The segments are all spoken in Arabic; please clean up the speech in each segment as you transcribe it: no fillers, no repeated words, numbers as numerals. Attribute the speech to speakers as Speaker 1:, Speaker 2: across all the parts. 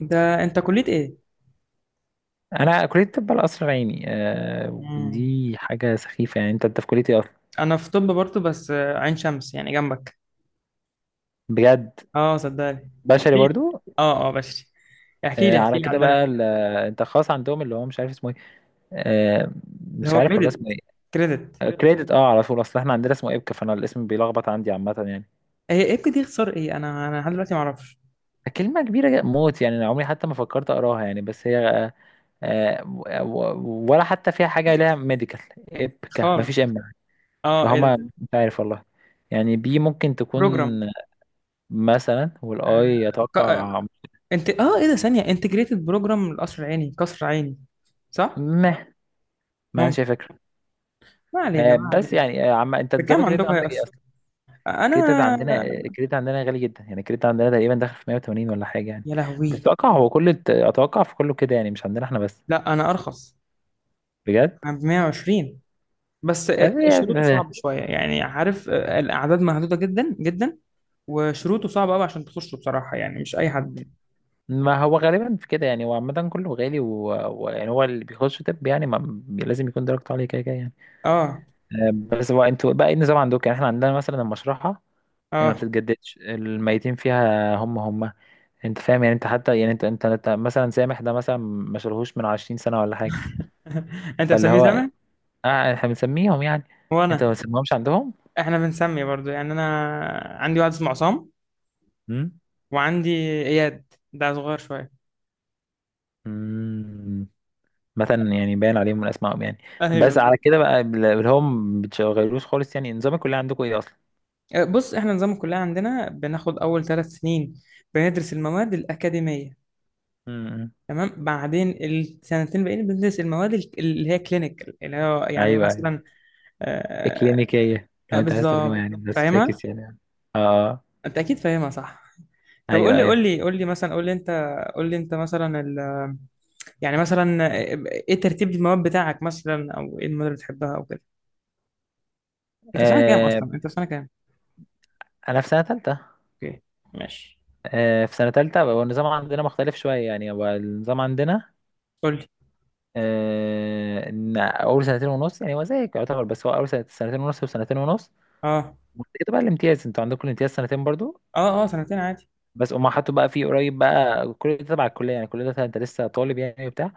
Speaker 1: ده انت كلية ايه؟
Speaker 2: انا كليه الطب على قصر عيني آه.
Speaker 1: مم.
Speaker 2: ودي حاجه سخيفه، يعني انت في كليه ايه اصلا؟
Speaker 1: انا في طب برضه بس عين شمس يعني جنبك.
Speaker 2: بجد؟
Speaker 1: اه صدقني.
Speaker 2: بشري
Speaker 1: احكي لي.
Speaker 2: برضو.
Speaker 1: اه بشري. احكي لي
Speaker 2: آه،
Speaker 1: احكي
Speaker 2: على
Speaker 1: لي
Speaker 2: كده
Speaker 1: عندنا
Speaker 2: بقى انت خاص عندهم اللي هو مش عارف اسمه ايه. آه.
Speaker 1: اللي
Speaker 2: مش
Speaker 1: هو
Speaker 2: عارف والله اسمه
Speaker 1: كريدت.
Speaker 2: ايه.
Speaker 1: كريدت؟
Speaker 2: آه، كريدت، اه، على طول، اصل احنا عندنا اسمه ابكا، فانا الاسم بيلخبط عندي عامه يعني.
Speaker 1: هي ايه بجد دي؟ اختصار ايه؟ انا لحد دلوقتي ما اعرفش
Speaker 2: كلمه كبيره جدا موت يعني، انا عمري حتى ما فكرت اقراها يعني، بس هي آه. آه، ولا حتى فيها حاجه لها ميديكال. ابكا
Speaker 1: خالص.
Speaker 2: مفيش
Speaker 1: اه، ايه
Speaker 2: فهما
Speaker 1: ده؟
Speaker 2: مش عارف والله. يعني بي ممكن تكون
Speaker 1: بروجرام.
Speaker 2: مثلا،
Speaker 1: آه.
Speaker 2: والاي
Speaker 1: ك... آه،
Speaker 2: اتوقع.
Speaker 1: انت ايه ده؟ ثانية انتجريتد بروجرام القصر العيني، قصر عيني صح؟
Speaker 2: مه، ما عنديش
Speaker 1: ممكن.
Speaker 2: أي فكره.
Speaker 1: ما علينا
Speaker 2: آه،
Speaker 1: ما
Speaker 2: بس
Speaker 1: علينا.
Speaker 2: يعني آه، انت نظام
Speaker 1: بكام
Speaker 2: الكريدت
Speaker 1: عندكم هي
Speaker 2: عندك ايه
Speaker 1: اصلا؟
Speaker 2: اصلا؟ الكريدت
Speaker 1: انا...
Speaker 2: عندنا آه، الكريدت عندنا غالي جدا يعني. الكريدت عندنا تقريبا داخل في 180 ولا حاجه يعني.
Speaker 1: يا
Speaker 2: بس
Speaker 1: لهوي.
Speaker 2: اتوقع هو كل اتوقع في كله كده يعني، مش عندنا احنا بس.
Speaker 1: لا انا ارخص.
Speaker 2: بجد.
Speaker 1: انا ب 120، بس
Speaker 2: آه،
Speaker 1: شروطه صعبة
Speaker 2: آه،
Speaker 1: شوية يعني، عارف، الأعداد محدودة جدا جدا. وشروطه صعبة أوي عشان تخشه بصراحة، يعني مش أي حد.
Speaker 2: ما هو غالبا في كده يعني، هو عامه كله غالي، ويعني يعني هو اللي بيخش طب يعني ما... بي- لازم يكون درجته عاليه كده كده يعني.
Speaker 1: اه
Speaker 2: آه، بس هو انتوا بقى ايه النظام عندكم؟ يعني احنا عندنا مثلا المشرحه يعني ما
Speaker 1: اه.
Speaker 2: بتتجددش، الميتين فيها هم هم. انت فاهم يعني؟ انت حتى يعني انت مثلا سامح، ده مثلا ما شالهوش من 20 سنة ولا حاجة.
Speaker 1: أنت
Speaker 2: فاللي
Speaker 1: بتسميه
Speaker 2: هو
Speaker 1: سامي؟
Speaker 2: آه، احنا بنسميهم يعني، انت ما
Speaker 1: وأنا...
Speaker 2: بتسميهمش عندهم؟
Speaker 1: إحنا بنسمي برضو يعني. أنا عندي واحد اسمه عصام،
Speaker 2: امم.
Speaker 1: وعندي إياد، ده صغير شوية.
Speaker 2: امم. مثلا يعني باين عليهم من اسمائهم يعني.
Speaker 1: أيوه.
Speaker 2: بس على كده بقى اللي هم ما بتشغلوش خالص يعني، نظام الكلية عندكم ايه اصلا؟
Speaker 1: بص إحنا نظام الكلية عندنا بناخد أول ثلاث سنين، بندرس المواد الأكاديمية،
Speaker 2: امم.
Speaker 1: تمام. بعدين السنتين الباقيين بندرس المواد اللي هي كلينيكال، اللي هو يعني
Speaker 2: ايوه ايوه.
Speaker 1: مثلا... آه،
Speaker 2: اكلينيكية لو انت عايز ترجمة
Speaker 1: بالظبط،
Speaker 2: يعني، بس
Speaker 1: فاهمها.
Speaker 2: فاكس يعني. اه.
Speaker 1: انت اكيد فاهمها صح. طب قول
Speaker 2: ايوه
Speaker 1: لي قول
Speaker 2: ايوه.
Speaker 1: لي قول لي، مثلا قول لي انت، قول لي انت مثلا ال... يعني مثلا آه، ايه ترتيب المواد بتاعك مثلا، او ايه المواد اللي بتحبها او كده؟
Speaker 2: آه.
Speaker 1: انت في سنه كام؟
Speaker 2: انا في سنة تالتة.
Speaker 1: اوكي، ماشي.
Speaker 2: آه، في سنة تالتة بقى النظام عندنا مختلف شوية يعني، هو النظام عندنا
Speaker 1: قول لي.
Speaker 2: آه، إن اول سنتين ونص يعني هو زيك يعتبر، بس هو اول سنتين ونص وسنتين ونص.
Speaker 1: اه
Speaker 2: وبعد كده بقى الامتياز، انتوا عندكم الامتياز سنتين برضو.
Speaker 1: اه، اه سنتين عادي.
Speaker 2: بس هما حطوا بقى فيه قريب بقى، كل ده تبع الكليه يعني، كل ده انت لسه طالب يعني وبتاع.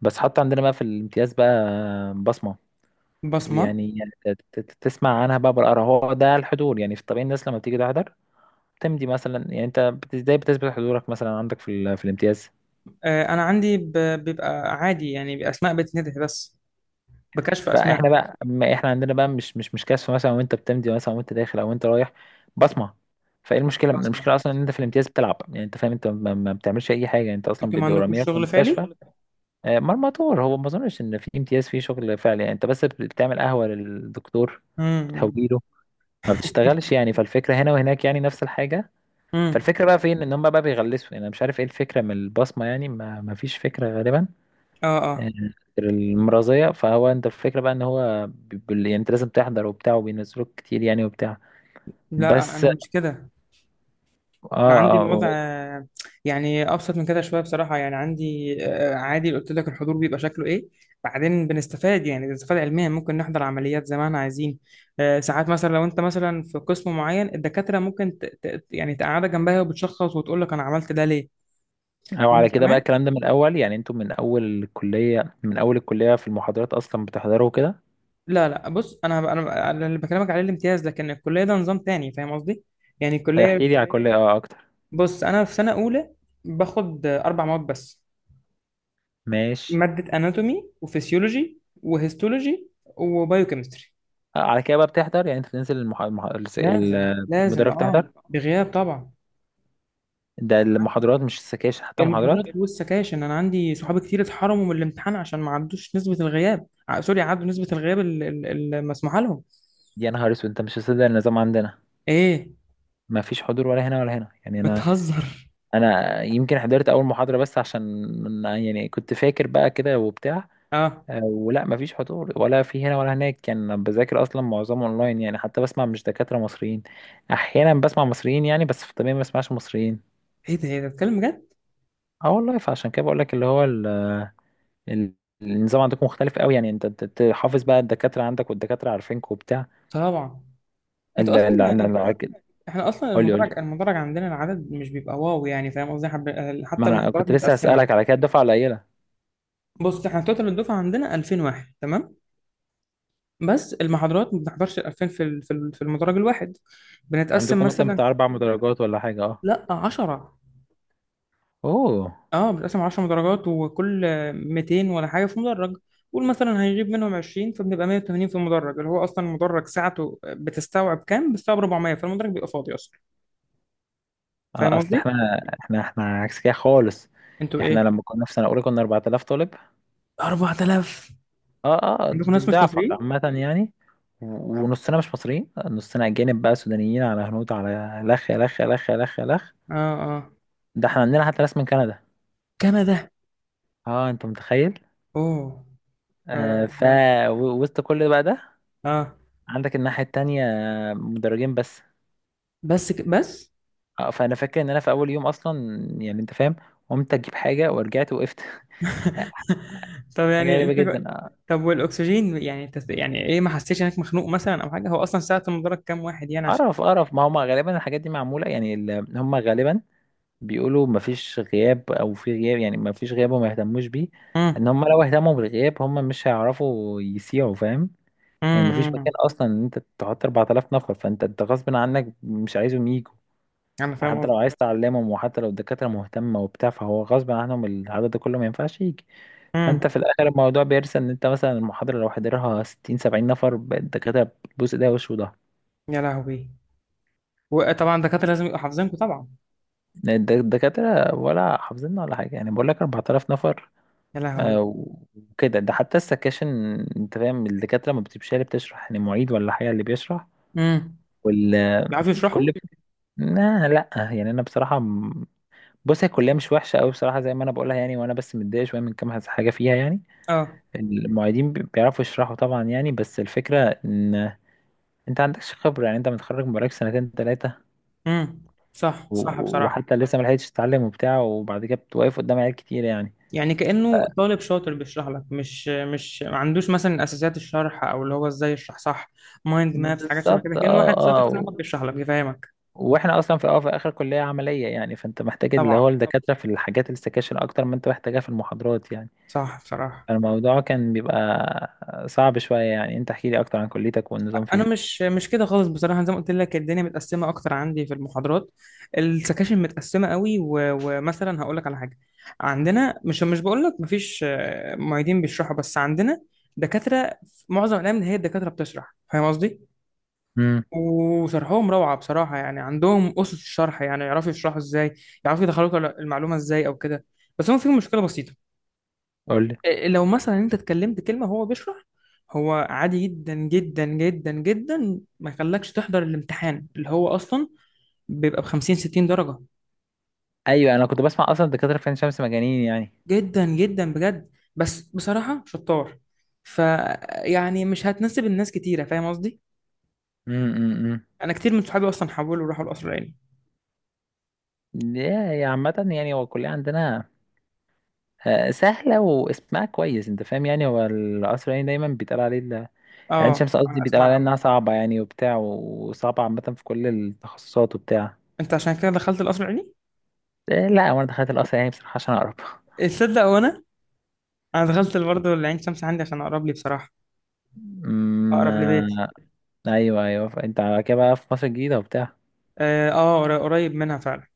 Speaker 2: بس حطوا عندنا بقى في الامتياز بقى بصمه.
Speaker 1: بصمه.
Speaker 2: ويعني تسمع عنها بقى بالقرا، هو ده الحضور يعني. في الطبيعي الناس لما بتيجي تحضر تمضي مثلا يعني، انت ازاي بتثبت حضورك مثلا عندك في الامتياز؟
Speaker 1: انا عندي ب... بيبقى عادي يعني، باسماء بتندهي بس، بكشف اسماء.
Speaker 2: فاحنا بقى ما احنا عندنا بقى مش كشف مثلا وانت بتمضي مثلا وانت داخل او انت رايح، بصمه. فايه المشكله؟
Speaker 1: بصمه.
Speaker 2: المشكله اصلا ان انت في الامتياز بتلعب، يعني انت فاهم، انت ما بتعملش اي حاجه يعني، انت اصلا
Speaker 1: انتوا ما
Speaker 2: بيبقوا
Speaker 1: عندكوش
Speaker 2: رامينك في
Speaker 1: شغل فعلي.
Speaker 2: المستشفى. آه، مرمطور. هو ما اظنش ان في امتياز فيه شغل فعلي يعني، انت بس بتعمل قهوه للدكتور،
Speaker 1: امم.
Speaker 2: بتهويله، ما بتشتغلش يعني. فالفكره هنا وهناك يعني نفس الحاجه.
Speaker 1: امم.
Speaker 2: فالفكره بقى فين؟ ان هم بقى بيغلسوا يعني، انا مش عارف ايه الفكره من البصمه يعني، ما فيش فكره غالبا
Speaker 1: اه اه.
Speaker 2: غير المرازية. فهو انت الفكرة بقى ان هو يعني انت لازم تحضر وبتاع، وبينزلوك كتير يعني وبتاع.
Speaker 1: لا
Speaker 2: بس
Speaker 1: انا
Speaker 2: اه.
Speaker 1: مش كده. انا عندي
Speaker 2: اه.
Speaker 1: الوضع يعني ابسط من كده شويه بصراحه. يعني عندي عادي، قلت لك الحضور بيبقى شكله ايه. بعدين بنستفاد، يعني بنستفاد علميا. ممكن نحضر عمليات زي ما احنا عايزين. ساعات مثلا لو انت مثلا في قسم معين، الدكاتره ممكن يعني تقعدك جنبها وبتشخص وتقول لك انا عملت ده ليه.
Speaker 2: او على كده بقى
Speaker 1: وكمان...
Speaker 2: الكلام ده من الاول يعني؟ انتوا من اول الكلية، من اول الكلية في المحاضرات اصلا بتحضروا كده؟
Speaker 1: لا لا، بص، انا انا أنا اللي بكلمك عليه الامتياز، لكن الكليه ده نظام تاني، فاهم قصدي؟ يعني الكليه...
Speaker 2: احكي لي على الكلية، ايوه، اه، اكتر.
Speaker 1: بص انا في سنه اولى، باخد اربع مواد بس:
Speaker 2: ماشي.
Speaker 1: مادة اناتومي، وفسيولوجي، وهيستولوجي، وبايوكيمستري.
Speaker 2: آه، على كده بقى بتحضر يعني، انت بتنزل
Speaker 1: لازم لازم،
Speaker 2: المدرج تحضر،
Speaker 1: اه
Speaker 2: لا؟
Speaker 1: بغياب طبعا.
Speaker 2: ده المحاضرات مش السكاشن، حتى
Speaker 1: المحاضرات
Speaker 2: محاضرات؟
Speaker 1: والسكاشن، انا عندي صحابي كتير اتحرموا من الامتحان عشان ما عدوش نسبة الغياب، سوري، عدوا نسبة الغياب المسموحة لهم.
Speaker 2: يا نهار اسود، انت مش هتصدق النظام عندنا.
Speaker 1: ايه،
Speaker 2: ما فيش حضور ولا هنا ولا هنا يعني. انا،
Speaker 1: بتهزر؟
Speaker 2: انا يمكن حضرت اول محاضرة بس عشان يعني كنت فاكر بقى كده وبتاع.
Speaker 1: اه،
Speaker 2: آه، ولا مفيش حضور ولا في هنا ولا هناك كان يعني. بذاكر اصلا معظمه اونلاين يعني، حتى بسمع مش دكاترة مصريين، احيانا بسمع مصريين يعني، بس في الطبيعي ما بسمعش مصريين.
Speaker 1: ايه ده، ايه ده، بتتكلم بجد؟
Speaker 2: اه والله. فعشان كده بقول لك اللي هو ال- النظام عندكم مختلف قوي يعني. انت تحافظ بقى الدكاترة عندك، والدكاترة عارفينك وبتاع.
Speaker 1: طبعا. انت
Speaker 2: ال- ال-
Speaker 1: اصلا
Speaker 2: ال-
Speaker 1: انت
Speaker 2: ال-
Speaker 1: احنا اصلا
Speaker 2: قول لي، قول
Speaker 1: المدرج
Speaker 2: لي.
Speaker 1: المدرج عندنا العدد مش بيبقى واو، يعني فاهم قصدي؟
Speaker 2: ما
Speaker 1: حتى
Speaker 2: انا
Speaker 1: المحاضرات
Speaker 2: كنت لسه
Speaker 1: متقسمة.
Speaker 2: هسألك على كده، الدفعة قليلة.
Speaker 1: بص احنا توتال الدفعة عندنا 2000 واحد، تمام؟ بس المحاضرات ما بنحضرش الألفين في المدرج الواحد. بنتقسم
Speaker 2: عندكم مثلا
Speaker 1: مثلا.
Speaker 2: بتاع اربع مدرجات ولا حاجة؟ اه.
Speaker 1: لا، 10.
Speaker 2: اوه.
Speaker 1: اه، بنتقسم 10 مدرجات، وكل 200 ولا حاجة في مدرج. قول مثلا هنجيب منهم 20، فبنبقى 180 في المدرج، اللي هو أصلا المدرج ساعته بتستوعب كام؟ بتستوعب 400. فالمدرج بيبقى فاضي أصلا،
Speaker 2: اه،
Speaker 1: فاهم
Speaker 2: اصل
Speaker 1: قصدي؟
Speaker 2: احنا، احنا عكس كده خالص.
Speaker 1: أنتوا إيه؟
Speaker 2: احنا لما كنا في سنه اولى كنا 4,000 طالب.
Speaker 1: 4000.
Speaker 2: اه، اه،
Speaker 1: عندكم ناس مش
Speaker 2: ضعفك
Speaker 1: مصريين؟
Speaker 2: عامه يعني. ونصنا مش مصريين، نصنا اجانب بقى، سودانيين على هنود على لخ لخ لخ لخ لخ.
Speaker 1: اه اه.
Speaker 2: ده احنا عندنا حتى ناس من كندا.
Speaker 1: كندا.
Speaker 2: اه، انت متخيل؟
Speaker 1: اوه.
Speaker 2: آه
Speaker 1: اه
Speaker 2: ف
Speaker 1: اه.
Speaker 2: وسط كل ده بقى ده،
Speaker 1: آه.
Speaker 2: عندك الناحيه التانية مدرجين بس.
Speaker 1: بس بس.
Speaker 2: اه، فانا فاكر ان انا في اول يوم اصلا يعني، انت فاهم، قمت اجيب حاجه ورجعت وقفت.
Speaker 1: طب
Speaker 2: حاجه
Speaker 1: يعني
Speaker 2: غريبه جدا آه.
Speaker 1: طب والاكسجين، يعني انت يعني ايه، ما حسيتش انك مخنوق مثلا او حاجه؟ هو اصلا ساعه المدرج كام واحد يعني عشان...
Speaker 2: قرف قرف. ما هم غالبا الحاجات دي معمولة يعني، هم غالبا بيقولوا مفيش غياب او في غياب يعني، مفيش غياب وما يهتموش بيه. لان
Speaker 1: امم.
Speaker 2: هم لو اهتموا بالغياب هم مش هيعرفوا يسيعوا، فاهم يعني؟ مفيش مكان
Speaker 1: امم.
Speaker 2: اصلا ان انت تحط 4,000 نفر، فانت غصب عنك مش عايزهم يجوا.
Speaker 1: انا فاهم
Speaker 2: حتى لو
Speaker 1: قصدي.
Speaker 2: عايز تعلمهم، وحتى لو الدكاترة مهتمة وبتاع، فهو غصب عنهم العدد ده كله ما ينفعش يجي. فانت
Speaker 1: امم.
Speaker 2: في الاخر الموضوع بيرسى ان انت مثلا المحاضرة لو حضرها 60 70 نفر الدكاترة بتبوس ايديها وش وضهر.
Speaker 1: يا لهوي. وطبعا الدكاتره لازم يبقوا حافظينكم طبعا.
Speaker 2: الدكاترة ولا حافظيننا ولا حاجة يعني، بقول لك 4,000 نفر.
Speaker 1: يا لهوي.
Speaker 2: آه، وكده ده حتى السكاشن، انت فاهم الدكاترة ما بتبقاش هي اللي بتشرح يعني، معيد ولا حاجة اللي بيشرح.
Speaker 1: امم.
Speaker 2: وال
Speaker 1: بيعرفوا يشرحوا؟
Speaker 2: كل لا لا، يعني انا بصراحة بص، هي الكلية مش وحشة قوي بصراحة زي ما انا بقولها يعني، وانا بس متضايق شوية من كام حاجة فيها يعني.
Speaker 1: اه.
Speaker 2: المعيدين بيعرفوا يشرحوا طبعا يعني، بس الفكرة ان انت عندكش خبرة يعني، انت متخرج بقالك سنتين تلاتة،
Speaker 1: امم. صح صح بصراحه.
Speaker 2: وحتى لسه ما لحقتش تتعلم وبتاع، وبعد كده بتوقف قدام عيال كتير يعني.
Speaker 1: يعني كانه طالب شاطر بيشرح لك، مش مش ما عندوش مثلا اساسيات الشرح، او اللي هو ازاي يشرح صح. مايند مابس، حاجات شبه كده،
Speaker 2: بالظبط،
Speaker 1: كأن
Speaker 2: اه
Speaker 1: واحد شاطر
Speaker 2: اه.
Speaker 1: صاحبك بيشرح لك بيفهمك.
Speaker 2: واحنا اصلا في اه في اخر كليه عمليه يعني، فانت محتاج اللي هو
Speaker 1: طبعا.
Speaker 2: الدكاتره في الحاجات السكاشن اكتر ما انت محتاجها في المحاضرات يعني.
Speaker 1: صح بصراحه.
Speaker 2: فالموضوع كان بيبقى صعب شويه يعني. انت احكي لي اكتر عن كليتك والنظام
Speaker 1: انا
Speaker 2: فيها.
Speaker 1: مش كده خالص بصراحه. زي ما قلت لك، الدنيا متقسمه اكتر عندي. في المحاضرات السكاشن متقسمه قوي. ومثلا هقول لك على حاجه: عندنا مش مش بقول لك مفيش معيدين بيشرحوا، بس عندنا دكاتره. في معظم الايام هي الدكاتره بتشرح، فاهم قصدي؟
Speaker 2: امم.
Speaker 1: وشرحهم روعه بصراحه يعني. عندهم اسس الشرح، يعني يعرفوا يشرحوا ازاي، يعرفوا يدخلوك المعلومه ازاي او كده. بس هم فيهم مشكله بسيطه:
Speaker 2: قول لي.
Speaker 1: لو مثلا انت اتكلمت كلمة هو بيشرح، هو عادي جدا جدا جدا جدا ما يخلكش تحضر الامتحان، اللي هو اصلا بيبقى ب 50 60 درجة.
Speaker 2: ايوه، انا كنت بسمع اصلا الدكاتره في عين شمس مجانين يعني.
Speaker 1: جدا جدا بجد. بس بصراحة شطار. فيعني مش هتناسب الناس كتيرة، فاهم قصدي؟
Speaker 2: امم.
Speaker 1: انا كتير من صحابي اصلا حولوا وراحوا القصر العيني.
Speaker 2: يا، يا عامه يعني هو الكليه عندنا آه، سهله واسمها كويس، انت فاهم يعني، هو القصر العيني دايما بيتقال عليه، عين
Speaker 1: اه
Speaker 2: شمس قصدي،
Speaker 1: انا
Speaker 2: بيتقال
Speaker 1: اسمع
Speaker 2: عليها
Speaker 1: عن-
Speaker 2: انها صعبة يعني وبتاع، وصعبة عامة في كل التخصصات وبتاع.
Speaker 1: انت عشان كده دخلت القصر العيني؟
Speaker 2: إيه، لا، وانا دخلت القصر يعني بصراحة عشان اقرب.
Speaker 1: تصدق؟ وانا... انا دخلت برضه العين شمس عندي عشان اقرب لي بصراحة، اقرب
Speaker 2: ما،
Speaker 1: لبيتي.
Speaker 2: ايوه ايوه. انت على كده بقى في مصر الجديدة وبتاع.
Speaker 1: اه، قريب منها فعلا.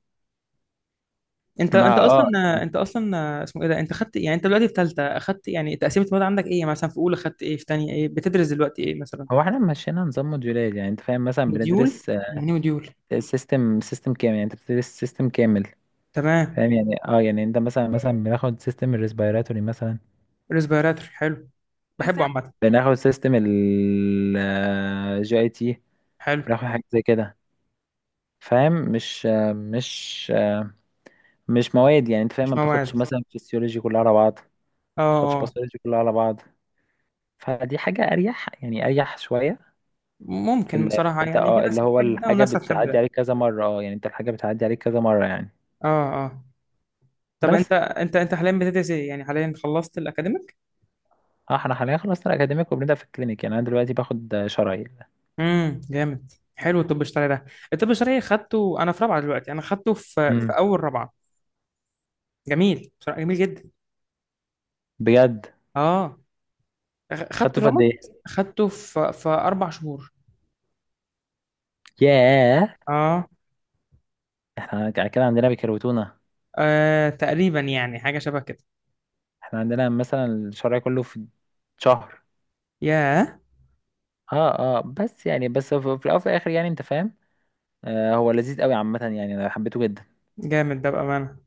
Speaker 1: انت
Speaker 2: ما
Speaker 1: انت
Speaker 2: اه،
Speaker 1: اصلا انت اصلا اسمه ايه ده؟ انت خدت، يعني انت دلوقتي في ثالثه، اخدت يعني تقسيمه المواد عندك ايه؟ يعني مثلا في اولى خدت ايه، في ثانيه ايه، بتدرس دلوقتي ايه مثلا؟
Speaker 2: هو احنا مشينا نظام موديولات يعني، انت فاهم، مثلا
Speaker 1: مديول،
Speaker 2: بندرس
Speaker 1: يعني مديول.
Speaker 2: سيستم كامل يعني، انت بتدرس سيستم كامل،
Speaker 1: تمام.
Speaker 2: فاهم يعني؟ اه، يعني انت مثلا بناخد سيستم الريسبيراتوري مثلا.
Speaker 1: ريسبيراتور، حلو. بحبه عامه.
Speaker 2: بناخد سيستم ال جي اي تي.
Speaker 1: حلو.
Speaker 2: بناخد حاجة زي كده، فاهم؟ مش آه، مش مش مواد يعني، انت فاهم؟
Speaker 1: مش
Speaker 2: ما بتاخدش
Speaker 1: مواد.
Speaker 2: مثلا فيسيولوجي كلها على بعض، ما
Speaker 1: اه
Speaker 2: بتاخدش
Speaker 1: اه.
Speaker 2: باثولوجي كلها على بعض. فدي حاجة اريح يعني، اريح شوية. في
Speaker 1: ممكن
Speaker 2: ال...
Speaker 1: بصراحه،
Speaker 2: في انت
Speaker 1: يعني في
Speaker 2: اه
Speaker 1: ناس
Speaker 2: اللي هو
Speaker 1: بتحب ده
Speaker 2: الحاجة
Speaker 1: وناس هتحب
Speaker 2: بتعدي
Speaker 1: ده.
Speaker 2: عليك كذا مرة، اه يعني، انت الحاجة بتعدي عليك كذا مرة يعني.
Speaker 1: اه اه. طب
Speaker 2: بس
Speaker 1: انت حاليا بتدرس ايه؟ يعني حاليا خلصت الاكاديميك.
Speaker 2: اه، احنا حاليا خلصنا الاكاديميك وبنبدأ في الكلينيك يعني، انا دلوقتي باخد شرايين.
Speaker 1: امم. جامد، حلو، الطب الشرعي ده. الطب الشرعي خدته انا في رابعه، دلوقتي، انا خدته في
Speaker 2: امم.
Speaker 1: اول رابعه. جميل بصراحه، جميل جدا.
Speaker 2: بجد.
Speaker 1: اه. أخ- خدت
Speaker 2: خدته في قد
Speaker 1: رمض
Speaker 2: ايه؟
Speaker 1: خدته في اربع شهور.
Speaker 2: ياه.
Speaker 1: اه،
Speaker 2: احنا كده عندنا بيكروتونا.
Speaker 1: تقريبا يعني حاجه شبه كده.
Speaker 2: احنا عندنا مثلا الشرعي كله في شهر.
Speaker 1: ياه.
Speaker 2: اه اه، بس يعني، بس في في الاول وفي الاخر يعني، انت فاهم. آه، هو لذيذ قوي عامة يعني، انا حبيته جدا.
Speaker 1: جامد ده بامانه.